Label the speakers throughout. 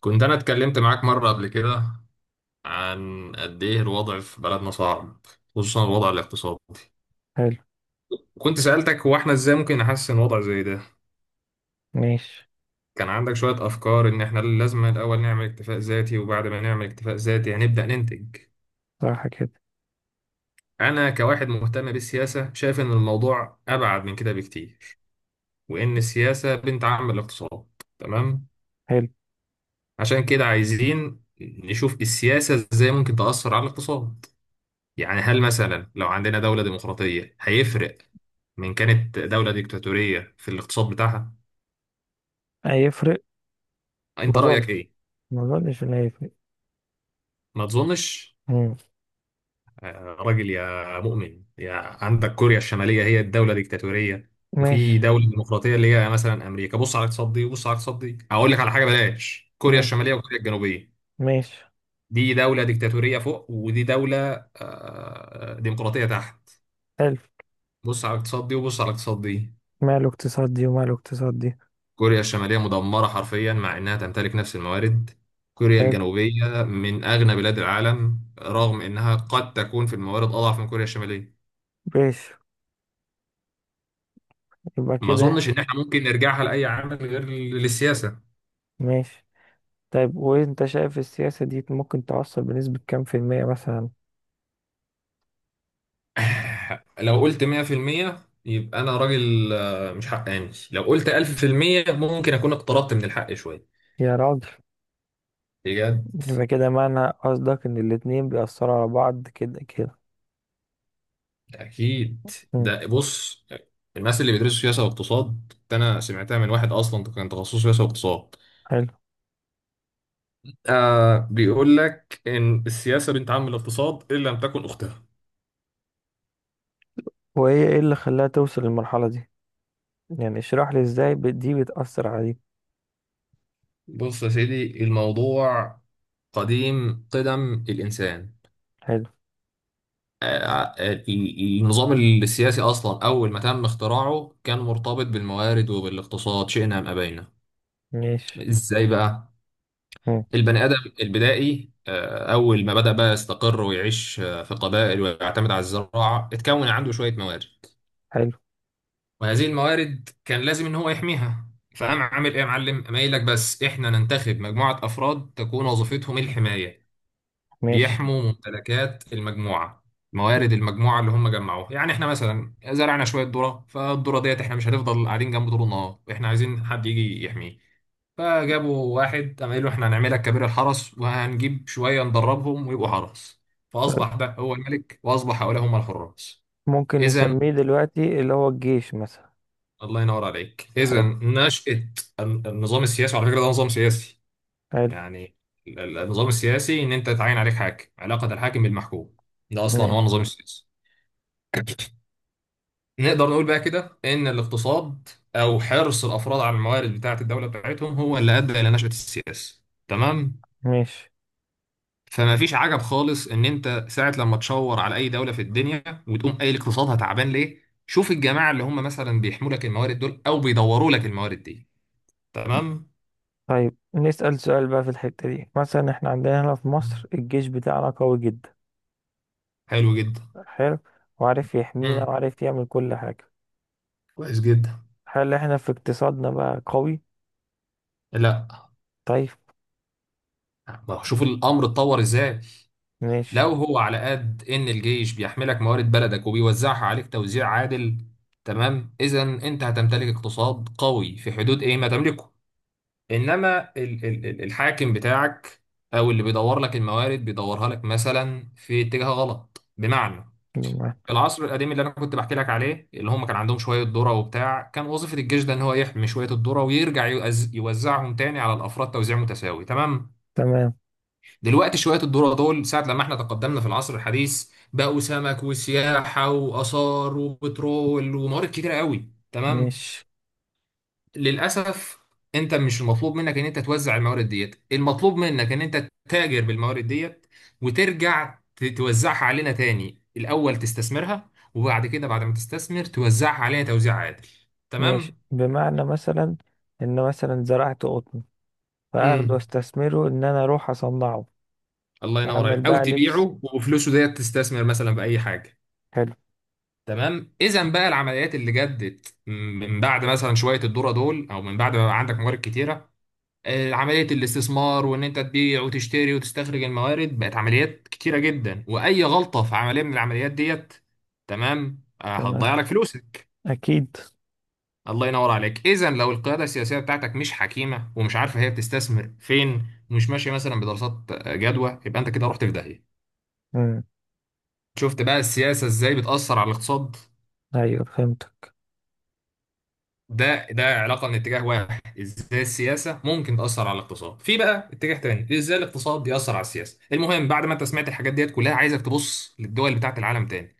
Speaker 1: كنت أنا اتكلمت معاك مرة قبل كده عن قد إيه الوضع في بلدنا صعب، خصوصا الوضع الاقتصادي.
Speaker 2: حلو.
Speaker 1: وكنت سألتك هو إحنا إزاي ممكن نحسن وضع زي ده.
Speaker 2: ماشي.
Speaker 1: كان عندك شوية أفكار إن إحنا لازم الأول نعمل اكتفاء ذاتي وبعد ما نعمل اكتفاء ذاتي هنبدأ ننتج.
Speaker 2: صح كده.
Speaker 1: أنا كواحد مهتم بالسياسة شايف إن الموضوع أبعد من كده بكتير، وإن السياسة بنت عم الاقتصاد، تمام.
Speaker 2: حلو.
Speaker 1: عشان كده عايزين نشوف السياسة إزاي ممكن تأثر على الاقتصاد. يعني هل مثلا لو عندنا دولة ديمقراطية هيفرق من كانت دولة ديكتاتورية في الاقتصاد بتاعها؟
Speaker 2: هيفرق. ما
Speaker 1: أنت
Speaker 2: اظن.
Speaker 1: رأيك إيه؟
Speaker 2: ما اظنش ان هيفرق.
Speaker 1: ما تظنش.
Speaker 2: مم.
Speaker 1: راجل يا مؤمن يا. عندك كوريا الشمالية هي الدولة ديكتاتورية،
Speaker 2: ماشي.
Speaker 1: وفي دولة ديمقراطية اللي هي مثلا أمريكا. بص على الاقتصاد دي وبص على الاقتصاد دي، أقول لك على حاجة، بلاش كوريا
Speaker 2: ماشي.
Speaker 1: الشمالية وكوريا الجنوبية.
Speaker 2: ماشي.
Speaker 1: دي دولة ديكتاتورية فوق ودي دولة ديمقراطية تحت.
Speaker 2: حلو.
Speaker 1: بص على الاقتصاد دي وبص على الاقتصاد دي.
Speaker 2: ماله اقتصاد دي وماله اقتصاد دي؟
Speaker 1: كوريا الشمالية مدمرة حرفيا مع إنها تمتلك نفس الموارد. كوريا
Speaker 2: حلو.
Speaker 1: الجنوبية من أغنى بلاد العالم رغم إنها قد تكون في الموارد أضعف من كوريا الشمالية.
Speaker 2: ماشي. يبقى
Speaker 1: ما
Speaker 2: كده.
Speaker 1: أظنش إن إحنا ممكن نرجعها لأي عامل غير للسياسة.
Speaker 2: ماشي. طيب، وانت شايف السياسة دي ممكن توصل بنسبة كام في المية مثلا؟
Speaker 1: لو قلت 100% يبقى أنا راجل مش حقاني. لو قلت 1000% ممكن أكون اقتربت من الحق شوية،
Speaker 2: يا راجل.
Speaker 1: بجد.
Speaker 2: يبقى كده معنى قصدك ان الاتنين بيأثروا على بعض كده كده.
Speaker 1: أكيد.
Speaker 2: مم.
Speaker 1: ده بص، الناس اللي بيدرسوا سياسة واقتصاد، أنا سمعتها من واحد أصلا كان تخصصه سياسة واقتصاد،
Speaker 2: حلو.
Speaker 1: آه، بيقول لك إن السياسة بنت عم الاقتصاد إن لم تكن أختها.
Speaker 2: وهي ايه اللي خلاها توصل للمرحلة دي؟ يعني اشرح لي ازاي دي بتأثر على دي.
Speaker 1: بص يا سيدي، الموضوع قديم قدم الإنسان.
Speaker 2: حلو.
Speaker 1: النظام السياسي أصلا أول ما تم اختراعه كان مرتبط بالموارد وبالاقتصاد، شئنا أم أبينا.
Speaker 2: ماشي.
Speaker 1: إزاي بقى؟ البني آدم البدائي أول ما بدأ بقى يستقر ويعيش في قبائل ويعتمد على الزراعة اتكون عنده شوية موارد.
Speaker 2: حلو.
Speaker 1: وهذه الموارد كان لازم ان هو يحميها. فقام عامل ايه يا معلم؟ قام قايل لك بس احنا ننتخب مجموعه افراد تكون وظيفتهم الحمايه،
Speaker 2: ماشي.
Speaker 1: بيحموا ممتلكات المجموعه، موارد المجموعه اللي هم جمعوها. يعني احنا مثلا زرعنا شويه ذره، فالذره ديت احنا مش هنفضل قاعدين جنب طول النهار، احنا عايزين حد يجي يحميه. فجابوا واحد، قام قايل له احنا هنعملك كبير الحرس وهنجيب شويه ندربهم ويبقوا حرس.
Speaker 2: طيب،
Speaker 1: فاصبح ده هو الملك، واصبح حوله هم الحراس.
Speaker 2: ممكن
Speaker 1: اذا،
Speaker 2: نسميه دلوقتي اللي هو الجيش مثلا.
Speaker 1: الله ينور عليك، اذا
Speaker 2: حلو.
Speaker 1: نشأة النظام السياسي. وعلى فكره ده نظام سياسي.
Speaker 2: حلو.
Speaker 1: يعني النظام السياسي ان انت تعين عليك حاكم، علاقه الحاكم بالمحكوم، ده اصلا هو
Speaker 2: ماشي.
Speaker 1: النظام السياسي. نقدر نقول بقى كده ان الاقتصاد او حرص الافراد على الموارد بتاعه الدوله بتاعتهم هو اللي ادى الى نشأة السياسه، تمام.
Speaker 2: ماشي.
Speaker 1: فما فيش عجب خالص ان انت ساعه لما تشاور على اي دوله في الدنيا وتقوم قايل اقتصادها تعبان ليه، شوف الجماعه اللي هم مثلا بيحموا لك الموارد دول او بيدوروا لك الموارد دي، تمام.
Speaker 2: طيب، نسأل سؤال بقى في الحتة دي. مثلا احنا عندنا هنا في مصر الجيش بتاعنا قوي جدا.
Speaker 1: حلو جدا.
Speaker 2: حلو. وعارف يحمينا
Speaker 1: مم.
Speaker 2: وعارف يعمل كل حاجة.
Speaker 1: كويس جدا.
Speaker 2: هل احنا في اقتصادنا بقى قوي؟
Speaker 1: لا.
Speaker 2: طيب.
Speaker 1: ما هو شوف الامر اتطور ازاي.
Speaker 2: ماشي.
Speaker 1: لو هو على قد ان الجيش بيحملك موارد بلدك وبيوزعها عليك توزيع عادل، تمام، اذا انت هتمتلك اقتصاد قوي في حدود ايه ما تملكه. انما الحاكم بتاعك او اللي بيدور لك الموارد بيدورها لك مثلا في اتجاه غلط. بمعنى
Speaker 2: بمعنى.
Speaker 1: العصر القديم اللي انا كنت بحكي لك عليه، اللي هم كان عندهم شويه ذره وبتاع، كان وظيفه الجيش ده ان هو يحمي شويه الذره ويرجع يوزعهم تاني على الافراد توزيع متساوي، تمام.
Speaker 2: تمام.
Speaker 1: دلوقتي شويه الذره دول ساعه لما احنا تقدمنا في العصر الحديث بقوا سمك وسياحه واثار وبترول وموارد كتيره قوي، تمام.
Speaker 2: ماشي.
Speaker 1: للاسف انت مش المطلوب منك ان انت توزع الموارد ديت، المطلوب منك ان انت تتاجر بالموارد ديت وترجع توزعها علينا تاني. الاول تستثمرها، وبعد كده بعد ما تستثمر توزعها علينا توزيع عادل،
Speaker 2: ماشي
Speaker 1: تمام.
Speaker 2: بمعنى مثلا ان مثلا زرعت قطن، فاخده
Speaker 1: امم
Speaker 2: واستثمره ان انا اروح اصنعه.
Speaker 1: الله ينور
Speaker 2: اعمل
Speaker 1: عليك. او
Speaker 2: بقى لبس.
Speaker 1: تبيعه وفلوسه ديت تستثمر مثلا باي حاجه.
Speaker 2: حلو.
Speaker 1: تمام، اذا بقى العمليات اللي جدت من بعد مثلا شويه الذره دول، او من بعد ما بقى عندك موارد كتيره، عملية الاستثمار وإن أنت تبيع وتشتري وتستخرج الموارد بقت عمليات كتيرة جدا، وأي غلطة في عملية من العمليات ديت، تمام،
Speaker 2: تمام.
Speaker 1: هتضيع لك فلوسك.
Speaker 2: أكيد.
Speaker 1: الله ينور عليك. إذا لو القيادة السياسية بتاعتك مش حكيمة ومش عارفة هي بتستثمر فين، ومش ماشية مثلا بدراسات جدوى، يبقى أنت كده رحت في داهية.
Speaker 2: مم.
Speaker 1: شفت بقى السياسة إزاي بتأثر على الاقتصاد؟
Speaker 2: أيوه، فهمتك.
Speaker 1: ده علاقه من اتجاه واحد، ازاي السياسه ممكن تاثر على الاقتصاد. في بقى اتجاه تاني، ازاي الاقتصاد بيأثر على السياسه. المهم بعد ما انت سمعت الحاجات ديت كلها، عايزك تبص للدول بتاعه العالم تاني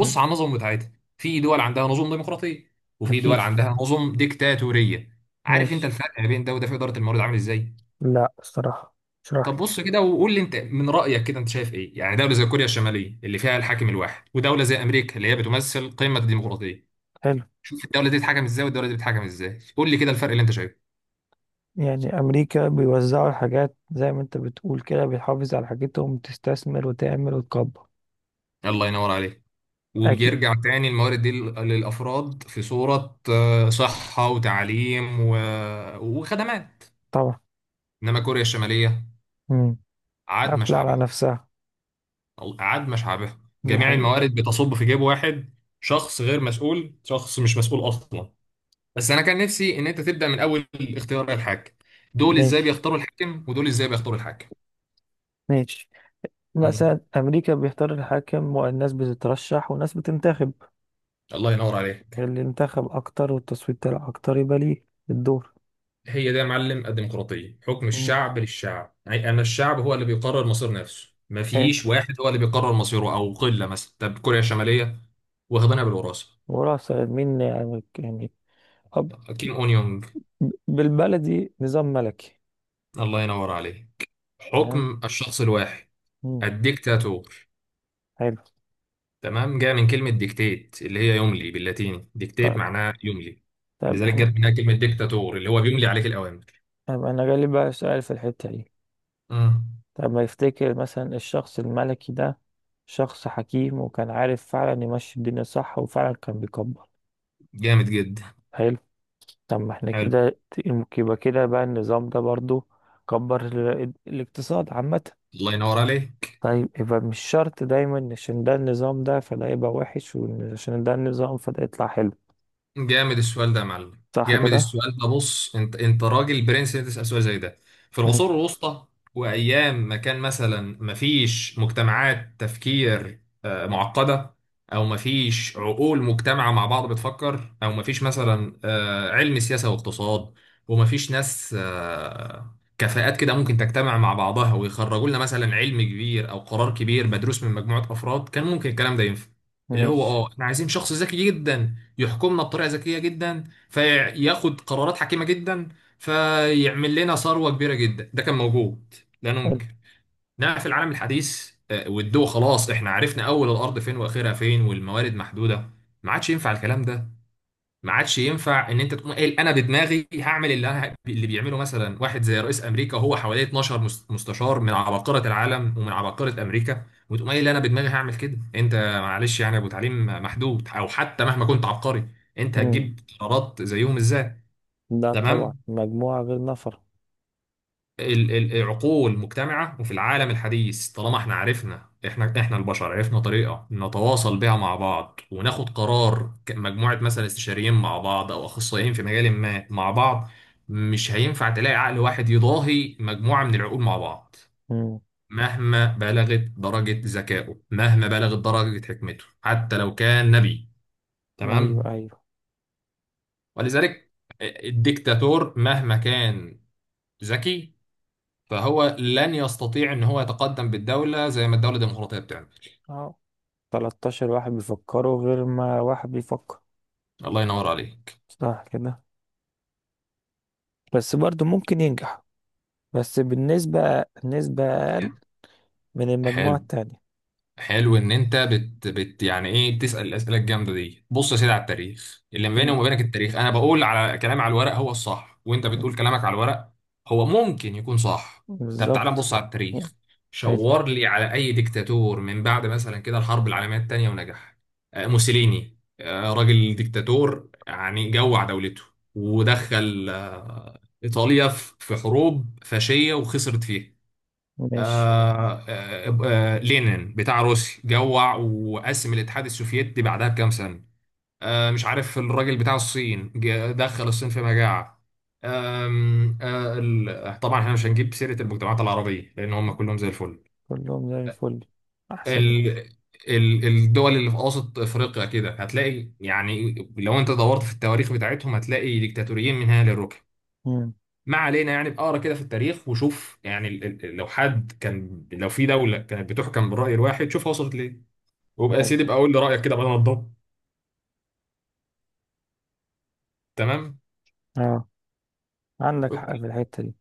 Speaker 2: مم.
Speaker 1: على النظم بتاعتها. في دول عندها نظم ديمقراطيه وفي
Speaker 2: أكيد.
Speaker 1: دول عندها نظم ديكتاتوريه. عارف انت
Speaker 2: ماشي.
Speaker 1: الفرق ما بين ده وده في اداره الموارد عامل ازاي؟
Speaker 2: لا الصراحة، اشرح
Speaker 1: طب
Speaker 2: لي.
Speaker 1: بص كده وقول لي انت من رايك كده انت شايف ايه. يعني دوله زي كوريا الشماليه اللي فيها الحاكم الواحد، ودوله زي امريكا اللي هي بتمثل قمه الديمقراطيه،
Speaker 2: حلو.
Speaker 1: شوف الدوله دي بتتحكم ازاي والدوله دي بتتحكم ازاي، قول لي كده الفرق اللي انت شايفه.
Speaker 2: يعني أمريكا بيوزعوا الحاجات زي ما أنت بتقول كده، بيحافظ على حاجتهم تستثمر وتعمل وتكبر.
Speaker 1: الله ينور عليك.
Speaker 2: أكيد.
Speaker 1: وبيرجع تاني الموارد دي للأفراد في صورة صحة وتعليم وخدمات.
Speaker 2: طبعا.
Speaker 1: إنما كوريا الشمالية،
Speaker 2: مم.
Speaker 1: عاد
Speaker 2: قافلة على
Speaker 1: شعبها،
Speaker 2: نفسها.
Speaker 1: عاد شعبها،
Speaker 2: دي
Speaker 1: جميع
Speaker 2: حقيقة.
Speaker 1: الموارد بتصب في جيب واحد. شخص غير مسؤول، شخص مش مسؤول أصلا. بس أنا كان نفسي إن أنت تبدأ من أول اختيار الحاكم. دول إزاي
Speaker 2: ماشي.
Speaker 1: بيختاروا الحاكم ودول إزاي بيختاروا الحاكم؟
Speaker 2: ماشي.
Speaker 1: مم.
Speaker 2: مثلا أمريكا بيختار الحاكم والناس بتترشح والناس بتنتخب.
Speaker 1: الله ينور عليك.
Speaker 2: اللي انتخب أكتر والتصويت طلع أكتر يبقى ليه الدور.
Speaker 1: هي ده يا معلم الديمقراطية، حكم
Speaker 2: مم.
Speaker 1: الشعب للشعب. يعني أنا الشعب هو اللي بيقرر مصير نفسه،
Speaker 2: حلو.
Speaker 1: مفيش واحد هو اللي بيقرر مصيره أو قلة مثلا. طب كوريا الشمالية، واخدينها بالوراثة.
Speaker 2: ورأس مين يعني؟ يعني أب؟
Speaker 1: كيم أونيونج،
Speaker 2: بالبلدي نظام ملكي.
Speaker 1: الله ينور عليه.
Speaker 2: تمام.
Speaker 1: حكم الشخص الواحد،
Speaker 2: مم.
Speaker 1: الديكتاتور،
Speaker 2: حلو.
Speaker 1: تمام. جاء من كلمة ديكتات اللي هي يملي، باللاتيني ديكتات
Speaker 2: طيب.
Speaker 1: معناها يملي.
Speaker 2: طيب
Speaker 1: ولذلك
Speaker 2: احنا.
Speaker 1: جت منها كلمة ديكتاتور اللي هو بيملي عليك الأوامر.
Speaker 2: طيب انا جالي بقى سؤال في الحتة دي.
Speaker 1: مم.
Speaker 2: طب ما يفتكر مثلا الشخص الملكي ده شخص حكيم وكان عارف فعلا يمشي الدنيا صح، وفعلا كان بيكبر.
Speaker 1: جامد جدا.
Speaker 2: حلو. طب ما احنا
Speaker 1: حلو.
Speaker 2: كده. يبقى كده بقى النظام ده برضو كبر الاقتصاد عامة.
Speaker 1: الله ينور عليك.
Speaker 2: طيب، يبقى مش شرط دايما إن عشان ده النظام ده فده يبقى وحش، وعشان ده النظام فده يطلع حلو.
Speaker 1: جامد السؤال ده يا معلم،
Speaker 2: صح
Speaker 1: جامد
Speaker 2: كده؟
Speaker 1: السؤال ده. بص انت راجل برنس انت تسال سؤال زي ده. في العصور
Speaker 2: ماشي.
Speaker 1: الوسطى، وايام ما كان مثلا ما فيش مجتمعات تفكير معقده، او ما فيش عقول مجتمعه مع بعض بتفكر، او ما فيش مثلا علم سياسه واقتصاد، وما فيش ناس كفاءات كده ممكن تجتمع مع بعضها ويخرجوا لنا مثلا علم كبير او قرار كبير مدروس من مجموعه افراد، كان ممكن الكلام ده ينفع. اللي هو
Speaker 2: ماشي.
Speaker 1: احنا عايزين شخص ذكي جدا يحكمنا بطريقه ذكيه جدا، فياخد قرارات حكيمه جدا، فيعمل لنا ثروه كبيره جدا. ده كان موجود، لا ننكر. انما في العالم الحديث والدول، خلاص احنا عرفنا اول الارض فين واخرها فين والموارد محدوده، ما عادش ينفع الكلام ده. ما عادش ينفع ان انت تقوم قايل انا بدماغي هعمل اللي انا اللي بيعمله مثلا واحد زي رئيس امريكا. هو حواليه 12 مستشار من عباقره العالم ومن عباقره امريكا، وتقوم قايل انا بدماغي هعمل كده؟ انت معلش يعني يا ابو تعليم محدود، او حتى مهما كنت عبقري، انت
Speaker 2: حلو.
Speaker 1: هتجيب قرارات زيهم ازاي؟
Speaker 2: لا طبعا،
Speaker 1: تمام.
Speaker 2: مجموعة غير نفر.
Speaker 1: العقول مجتمعة. وفي العالم الحديث طالما احنا عرفنا، احنا البشر عرفنا طريقة نتواصل بيها مع بعض وناخد قرار كمجموعة، مثلا استشاريين مع بعض او اخصائيين في مجال ما مع بعض، مش هينفع تلاقي عقل واحد يضاهي مجموعة من العقول مع بعض.
Speaker 2: مم.
Speaker 1: مهما بلغت درجة ذكائه، مهما بلغت درجة حكمته، حتى لو كان نبي،
Speaker 2: أيوة
Speaker 1: تمام.
Speaker 2: أيوة.
Speaker 1: ولذلك الديكتاتور مهما كان ذكي فهو لن يستطيع ان هو يتقدم بالدولة زي ما الدولة الديمقراطية بتعمل.
Speaker 2: أه، 13 واحد بيفكروا غير ما واحد بيفكر.
Speaker 1: الله ينور عليك.
Speaker 2: صح كده. بس برضو ممكن ينجح، بس بالنسبة نسبة أقل من المجموعة
Speaker 1: حلو.
Speaker 2: التانية.
Speaker 1: حلو ان انت بت, بت يعني ايه بتسال الاسئله الجامده دي. بص يا سيدي على التاريخ، اللي ما بيني
Speaker 2: مم.
Speaker 1: وما بينك التاريخ. انا بقول على كلامي على الورق هو الصح، وانت بتقول كلامك على الورق هو ممكن يكون صح. طب تعالى
Speaker 2: بالظبط.
Speaker 1: نبص على التاريخ.
Speaker 2: حلو.
Speaker 1: شاور لي على اي ديكتاتور من بعد مثلا كده الحرب العالميه الثانيه ونجح. موسوليني، راجل ديكتاتور، يعني جوع دولته، ودخل ايطاليا في في حروب فاشيه وخسرت فيها.
Speaker 2: ماشي.
Speaker 1: لينين بتاع روسيا جوع وقسم الاتحاد السوفيتي بعدها بكام سنة. مش عارف الراجل بتاع الصين دخل الصين في مجاعة. طبعا احنا مش هنجيب سيرة المجتمعات العربية لأن هم كلهم زي الفل.
Speaker 2: كلهم زي الفل. أحسن
Speaker 1: ال
Speaker 2: ناس.
Speaker 1: ال الدول اللي في أوسط أفريقيا كده هتلاقي يعني، لو أنت دورت في التواريخ بتاعتهم هتلاقي ديكتاتوريين من هنا للركب.
Speaker 2: مم.
Speaker 1: ما علينا، يعني بقرا كده في التاريخ وشوف يعني لو حد كان، لو في دوله كانت بتحكم بالراي الواحد شوف وصلت ليه. وبقى يا سيدي بقى
Speaker 2: أيوة.
Speaker 1: قول لي رايك كده بدل ما تضب. تمام.
Speaker 2: أه، عندك حق
Speaker 1: اوكي.
Speaker 2: في الحتة دي.